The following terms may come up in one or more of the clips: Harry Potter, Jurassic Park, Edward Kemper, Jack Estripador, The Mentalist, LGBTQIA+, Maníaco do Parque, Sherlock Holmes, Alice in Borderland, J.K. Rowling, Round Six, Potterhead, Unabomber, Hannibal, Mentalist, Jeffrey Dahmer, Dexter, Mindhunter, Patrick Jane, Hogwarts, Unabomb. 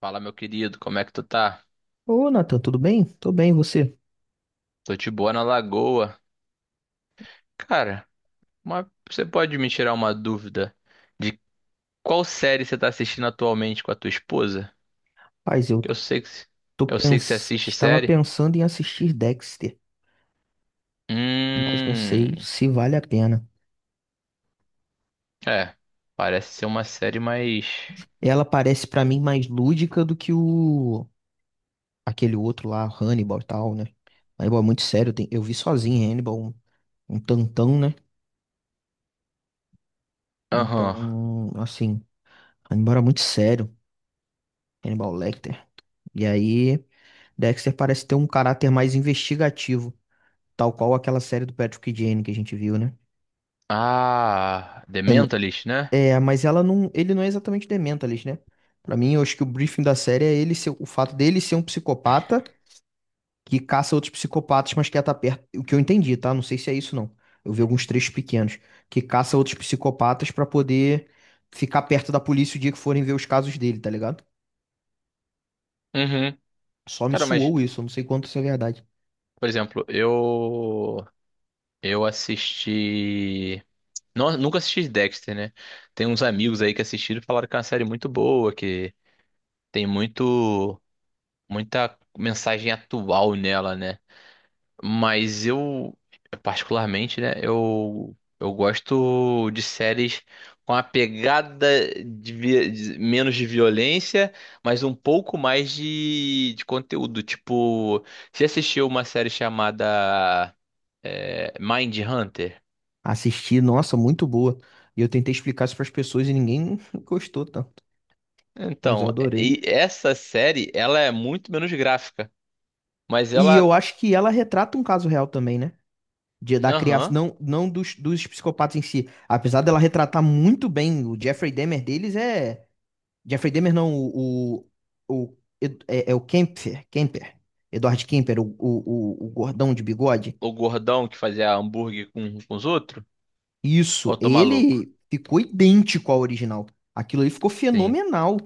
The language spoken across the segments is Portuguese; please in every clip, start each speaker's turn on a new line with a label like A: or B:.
A: Fala, meu querido, como é que tu tá?
B: Ô, Nathan, tudo bem? Tô bem, e você?
A: Tô de boa na lagoa. Cara, você pode me tirar uma dúvida de qual série você tá assistindo atualmente com a tua esposa?
B: Paz, eu
A: Que eu sei que, eu sei que você assiste
B: estava
A: série.
B: pensando em assistir Dexter, mas não sei
A: Hum,
B: se vale a pena.
A: é, parece ser uma série mais.
B: Ela parece pra mim mais lúdica do que o aquele outro lá, Hannibal e tal, né? Hannibal é muito sério, eu vi sozinho Hannibal, um tantão, né?
A: Aham.
B: Então, assim, Hannibal era muito sério, Hannibal Lecter. E aí, Dexter parece ter um caráter mais investigativo, tal qual aquela série do Patrick Jane que a gente viu, né?
A: Ah, The Mentalist, né?
B: É, mas ela não, ele não é exatamente Dementalist, né? Pra mim, eu acho que o briefing da série é ele ser, o fato dele ser um psicopata que caça outros psicopatas, mas quer estar perto. O que eu entendi, tá? Não sei se é isso não. Eu vi alguns trechos pequenos que caça outros psicopatas pra poder ficar perto da polícia o dia que forem ver os casos dele, tá ligado?
A: Uhum.
B: Só me
A: Cara, mas,
B: suou isso, eu não sei quanto isso é verdade.
A: por exemplo, eu assisti. Não, nunca assisti Dexter, né? Tem uns amigos aí que assistiram e falaram que é uma série muito boa, que tem muito, muita mensagem atual nela, né? Mas eu, particularmente, né? Eu gosto de séries com a pegada de menos de violência, mas um pouco mais de conteúdo. Tipo, você assistiu uma série chamada Mind Hunter?
B: Assisti, nossa, muito boa. E eu tentei explicar isso pras pessoas e ninguém gostou, tá? Mas eu
A: Então,
B: adorei.
A: e essa série, ela é muito menos gráfica, mas
B: E
A: ela,
B: eu acho que ela retrata um caso real também, né? Da
A: aham,
B: criação, não, não dos psicopatas em si. Apesar dela retratar muito bem o Jeffrey Dahmer deles, é. Jeffrey Dahmer não, o é o Kemper, Edward Kemper, o gordão de bigode.
A: o gordão que fazia hambúrguer com os outros,
B: Isso,
A: ou tô maluco?
B: ele ficou idêntico ao original. Aquilo ali ficou
A: Sim.
B: fenomenal.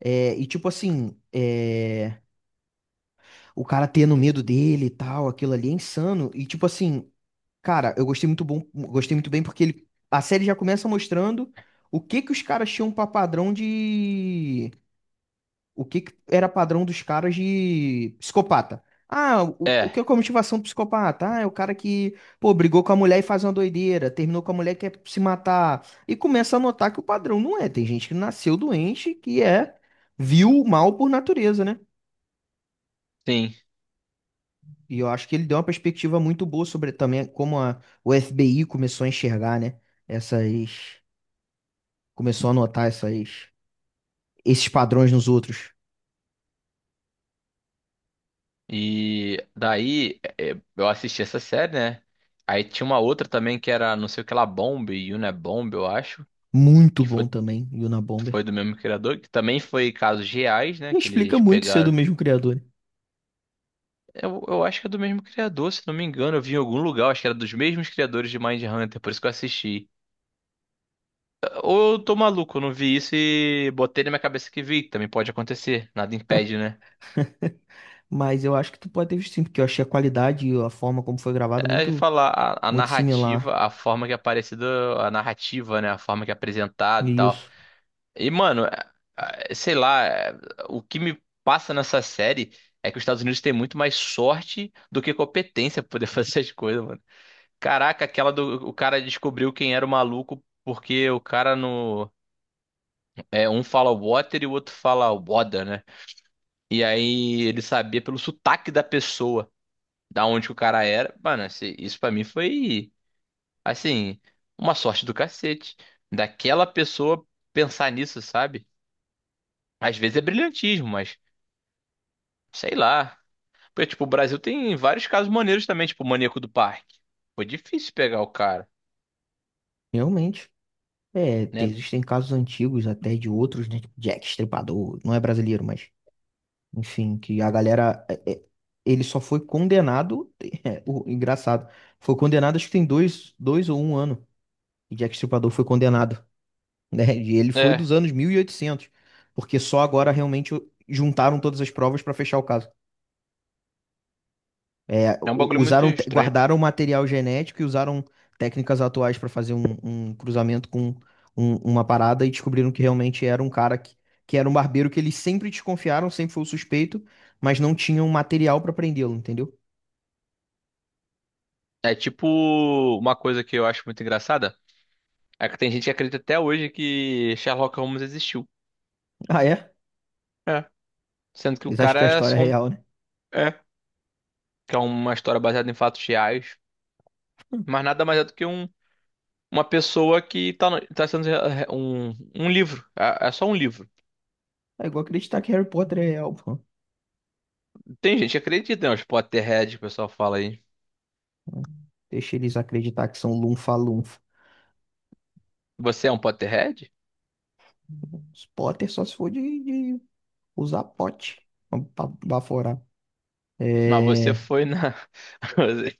B: É, e tipo assim, é, o cara tendo medo dele e tal, aquilo ali é insano. E tipo assim, cara, eu gostei muito bom, gostei muito bem porque ele, a série já começa mostrando o que que os caras tinham pra padrão de, o que que era padrão dos caras de psicopata. Ah, o que é
A: É,
B: a motivação do psicopata? Ah, é o cara que, pô, brigou com a mulher e faz uma doideira, terminou com a mulher e quer se matar. E começa a notar que o padrão não é. Tem gente que nasceu doente, que é, viu o mal por natureza, né?
A: sim.
B: E eu acho que ele deu uma perspectiva muito boa sobre também como a, o FBI começou a enxergar, né? Essas Começou a notar essas, esses padrões nos outros.
A: E daí é, eu assisti essa série, né? Aí tinha uma outra também que era não sei o que lá, Bomb, Unabomb, eu acho,
B: Muito
A: que
B: bom
A: foi,
B: também, Unabomber.
A: foi do mesmo criador, que também foi casos reais, né,
B: Não
A: que eles
B: explica muito ser do
A: pegaram.
B: mesmo criador, né?
A: Eu acho que é do mesmo criador, se não me engano. Eu vi em algum lugar, acho que era dos mesmos criadores de Mindhunter, por isso que eu assisti. Ou eu tô maluco, eu não vi isso e botei na minha cabeça que vi, que também pode acontecer, nada impede, né?
B: Mas eu acho que tu pode ter visto sim, porque eu achei a qualidade e a forma como foi gravado
A: É de
B: muito,
A: falar a
B: muito
A: narrativa,
B: similar.
A: a forma que é aparecida, a narrativa, né? A forma que é
B: E
A: apresentado e tal.
B: isso,
A: E, mano, sei lá, o que me passa nessa série é que os Estados Unidos têm muito mais sorte do que competência pra poder fazer as coisas, mano. Caraca, aquela do o cara descobriu quem era o maluco porque o cara no. É, um fala water e o outro fala water, né? E aí ele sabia pelo sotaque da pessoa, da onde que o cara era. Mano, isso pra mim foi, assim, uma sorte do cacete. Daquela pessoa pensar nisso, sabe? Às vezes é brilhantismo, mas sei lá. Porque, tipo, o Brasil tem vários casos maneiros também, tipo o Maníaco do Parque. Foi difícil pegar o cara,
B: realmente. É,
A: né?
B: existem casos antigos até de outros, né? Tipo Jack Estripador, não é brasileiro, mas enfim, que a galera. Ele só foi condenado. É, o, engraçado. Foi condenado, acho que tem dois, dois ou um ano. E Jack Estripador foi condenado, né? E ele foi
A: É,
B: dos anos 1800, porque só agora realmente juntaram todas as provas para fechar o caso. É,
A: é um bagulho muito estranho.
B: guardaram material genético e usaram técnicas atuais para fazer um cruzamento com uma parada e descobriram que realmente era um cara que era um barbeiro que eles sempre desconfiaram, sempre foi o suspeito, mas não tinham material para prendê-lo, entendeu?
A: É tipo uma coisa que eu acho muito engraçada. É que tem gente que acredita até hoje que Sherlock Holmes existiu.
B: Ah, é?
A: É. Sendo que o
B: Eles acham
A: cara
B: que é uma
A: é
B: história
A: só um.
B: real, né?
A: É. Que é uma história baseada em fatos reais, mas nada mais é do que um, uma pessoa que um livro. É, é só um livro.
B: É igual acreditar que Harry Potter é real, pô.
A: Tem gente que acredita, né? Os Potterhead, que o pessoal fala aí.
B: Deixa eles acreditar que são lunfa-lunfa.
A: Você é um Potterhead?
B: Os Potter só se for de usar pote para baforar.
A: Mas você
B: É,
A: foi na. Você.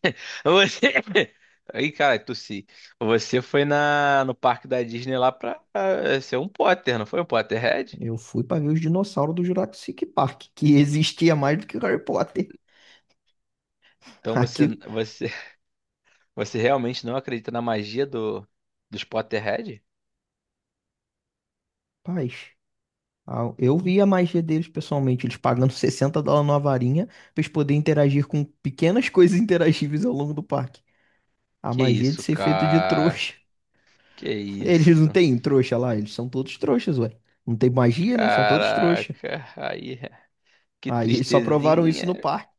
A: você- Aí, cara, tossi. Você foi na, no parque da Disney lá pra, ser um Potter, não foi um Potterhead?
B: eu fui para ver os dinossauros do Jurassic Park, que existia mais do que o Harry Potter.
A: Então
B: Aqui,
A: você, você realmente não acredita na magia dos Potterhead?
B: paz. Eu vi a magia deles pessoalmente, eles pagando 60 dólares numa varinha para eles poderem interagir com pequenas coisas interagíveis ao longo do parque. A
A: Que
B: magia de
A: isso,
B: ser feito de
A: cara.
B: trouxa.
A: Que
B: Eles não
A: isso?
B: têm trouxa lá, eles são todos trouxas, ué. Não tem magia, né? São todos trouxa.
A: Caraca, aí, que
B: Aí eles só provaram isso no
A: tristezinha.
B: parque.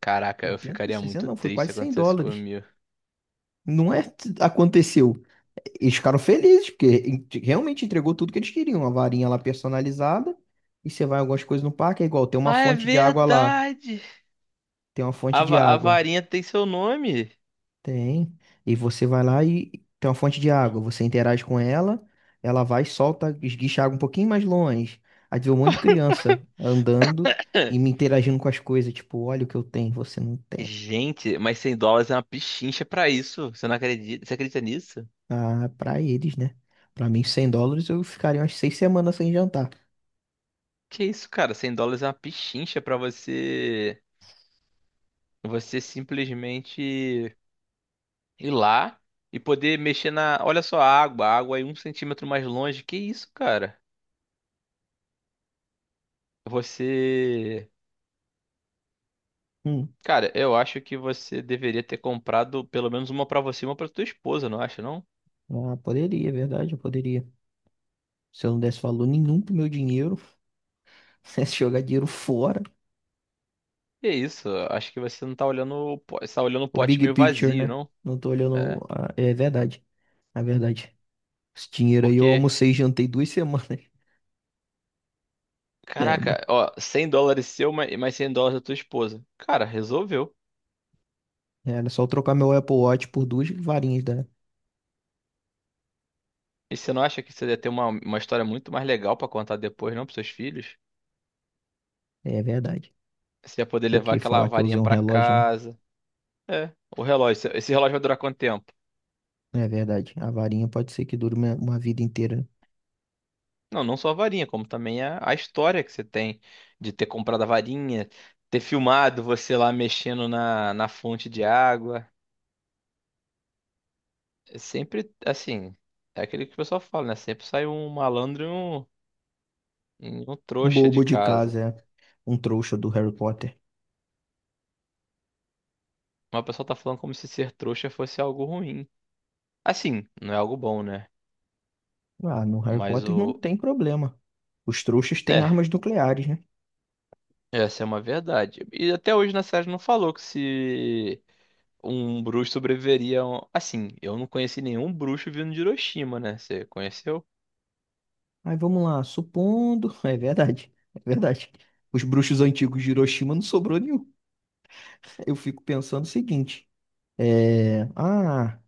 A: Caraca, eu
B: Setenta
A: ficaria
B: 60
A: muito
B: não, foi
A: triste se
B: quase 100
A: acontecesse
B: dólares.
A: comigo.
B: Não é aconteceu. Eles ficaram felizes, porque realmente entregou tudo que eles queriam. Uma varinha lá personalizada. E você vai algumas coisas no parque, é igual, tem uma
A: Ah, é
B: fonte de água lá.
A: verdade!
B: Tem uma fonte
A: A,
B: de
A: va- a
B: água.
A: varinha tem seu nome.
B: Tem. E você vai lá e tem uma fonte de água. Você interage com ela, ela vai, e solta, esguicha a água um pouquinho mais longe. Aí vê um monte de criança andando e me interagindo com as coisas. Tipo, olha o que eu tenho, você não tem.
A: Gente, mas $100 é uma pichincha pra isso. Você não acredita? Você acredita nisso?
B: Ah, pra eles, né? Pra mim, 100 dólares eu ficaria umas 6 semanas sem jantar.
A: Que isso, cara? $100 é uma pichincha pra você. Você simplesmente ir lá e poder mexer na. Olha só a água aí 1 cm mais longe. Que isso, cara? Você
B: Hum.
A: Cara, eu acho que você deveria ter comprado pelo menos uma pra você e uma pra tua esposa, não acha, não?
B: Ah, poderia, é verdade, eu poderia. Se eu não desse valor nenhum pro meu dinheiro, se jogar dinheiro fora,
A: Que isso, acho que você não tá olhando, você tá olhando o
B: o
A: pote
B: big
A: meio
B: picture,
A: vazio,
B: né?
A: não?
B: Não tô
A: É,
B: olhando. É verdade, é verdade. Esse dinheiro aí eu
A: porque,
B: almocei e jantei 2 semanas. É, mas
A: caraca, ó, $100 seu, e mais $100 da tua esposa. Cara, resolveu.
B: era só eu trocar meu Apple Watch por duas varinhas da.
A: E você não acha que você ia ter uma história muito mais legal pra contar depois, não, pros seus filhos?
B: É verdade.
A: Você ia poder
B: Do
A: levar
B: que
A: aquela
B: falar que eu
A: varinha
B: usei um
A: pra
B: relógio, né?
A: casa. É, o relógio, esse relógio vai durar quanto tempo?
B: É verdade. A varinha pode ser que dure uma vida inteira, né?
A: Não, não só a varinha, como também a história que você tem de ter comprado a varinha, ter filmado você lá mexendo na fonte de água. É Sempre, assim, é aquele que o pessoal fala, né? Sempre sai um malandro e um
B: Um
A: trouxa de
B: bobo de
A: casa.
B: casa, é. Um trouxa do Harry Potter.
A: Mas o pessoal tá falando como se ser trouxa fosse algo ruim. Assim, não é algo bom, né?
B: Ah, no Harry
A: Mas
B: Potter não
A: o.
B: tem problema. Os trouxas têm
A: É,
B: armas nucleares, né?
A: essa é uma verdade. E até hoje na série não falou que se. Um bruxo sobreviveria. Assim, eu não conheci nenhum bruxo vindo de Hiroshima, né? Você conheceu?
B: Aí vamos lá, supondo. É verdade, é verdade. Os bruxos antigos de Hiroshima não sobrou nenhum. Eu fico pensando o seguinte: é, ah,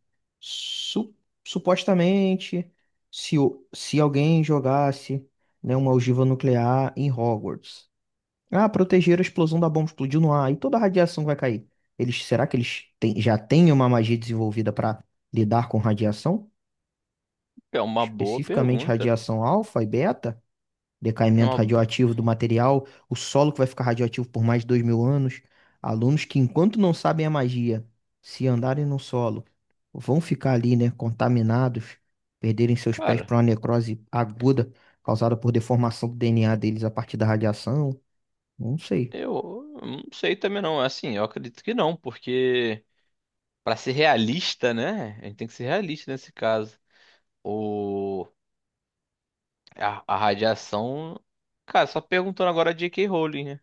B: su- supostamente, se alguém jogasse, né, uma ogiva nuclear em Hogwarts, ah, proteger a explosão da bomba explodiu no ar e toda a radiação vai cair. Eles, será que eles já têm uma magia desenvolvida para lidar com radiação?
A: É uma boa
B: Especificamente
A: pergunta.
B: radiação alfa e beta?
A: É
B: Decaimento
A: uma-
B: radioativo do material, o solo que vai ficar radioativo por mais de 2000 anos. Alunos que, enquanto não sabem a magia, se andarem no solo, vão ficar ali, né, contaminados, perderem seus pés
A: Cara,
B: para uma necrose aguda causada por deformação do DNA deles a partir da radiação. Não sei,
A: eu não sei também não. Assim, eu acredito que não, porque pra ser realista, né? A gente tem que ser realista nesse caso. O... a radiação. Cara, só perguntando agora a J.K. Rowling, né?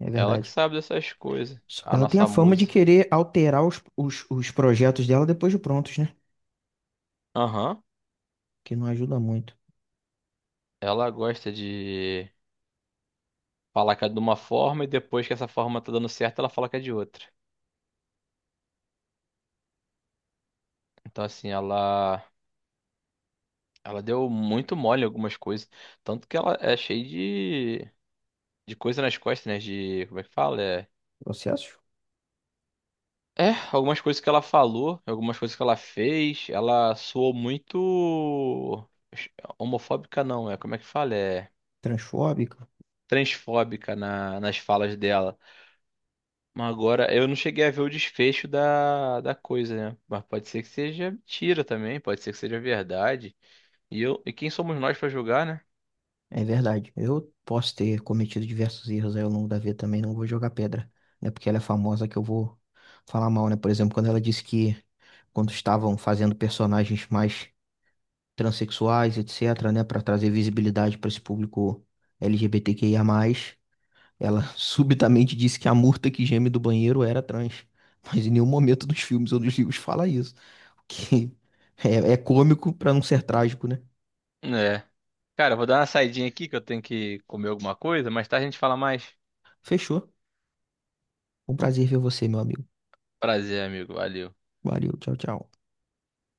B: é
A: Ela que
B: verdade.
A: sabe dessas coisas.
B: Só que
A: A
B: ela tem a
A: nossa
B: fama de
A: musa.
B: querer alterar os projetos dela depois de prontos, né?
A: Aham.
B: Que não ajuda muito.
A: Ela gosta de. Fala que é de uma forma e depois que essa forma tá dando certo, ela fala que é de outra. Então, assim, ela deu muito mole em algumas coisas. Tanto que ela é cheia de, coisa nas costas, né? De, como é que fala? É,
B: Processos
A: é, algumas coisas que ela falou, algumas coisas que ela fez, ela soou muito homofóbica, não, é, como é que fala? É
B: transfóbicos.
A: transfóbica nas falas dela. Agora, eu não cheguei a ver o desfecho da coisa, né? Mas pode ser que seja mentira também, pode ser que seja verdade. E eu, e quem somos nós pra julgar, né?
B: É verdade. Eu posso ter cometido diversos erros aí ao longo da vida também, não vou jogar pedra. Não é porque ela é famosa que eu vou falar mal, né? Por exemplo, quando ela disse que quando estavam fazendo personagens mais transexuais, etc., né, para trazer visibilidade para esse público LGBTQIA+, ela subitamente disse que a murta que geme do banheiro era trans. Mas em nenhum momento dos filmes ou dos livros fala isso. O que é cômico para não ser trágico, né?
A: É. Cara, eu vou dar uma saidinha aqui que eu tenho que comer alguma coisa, mas tarde a gente fala mais.
B: Fechou. Um prazer ver você, meu amigo.
A: Prazer, amigo. Valeu.
B: Valeu, tchau, tchau.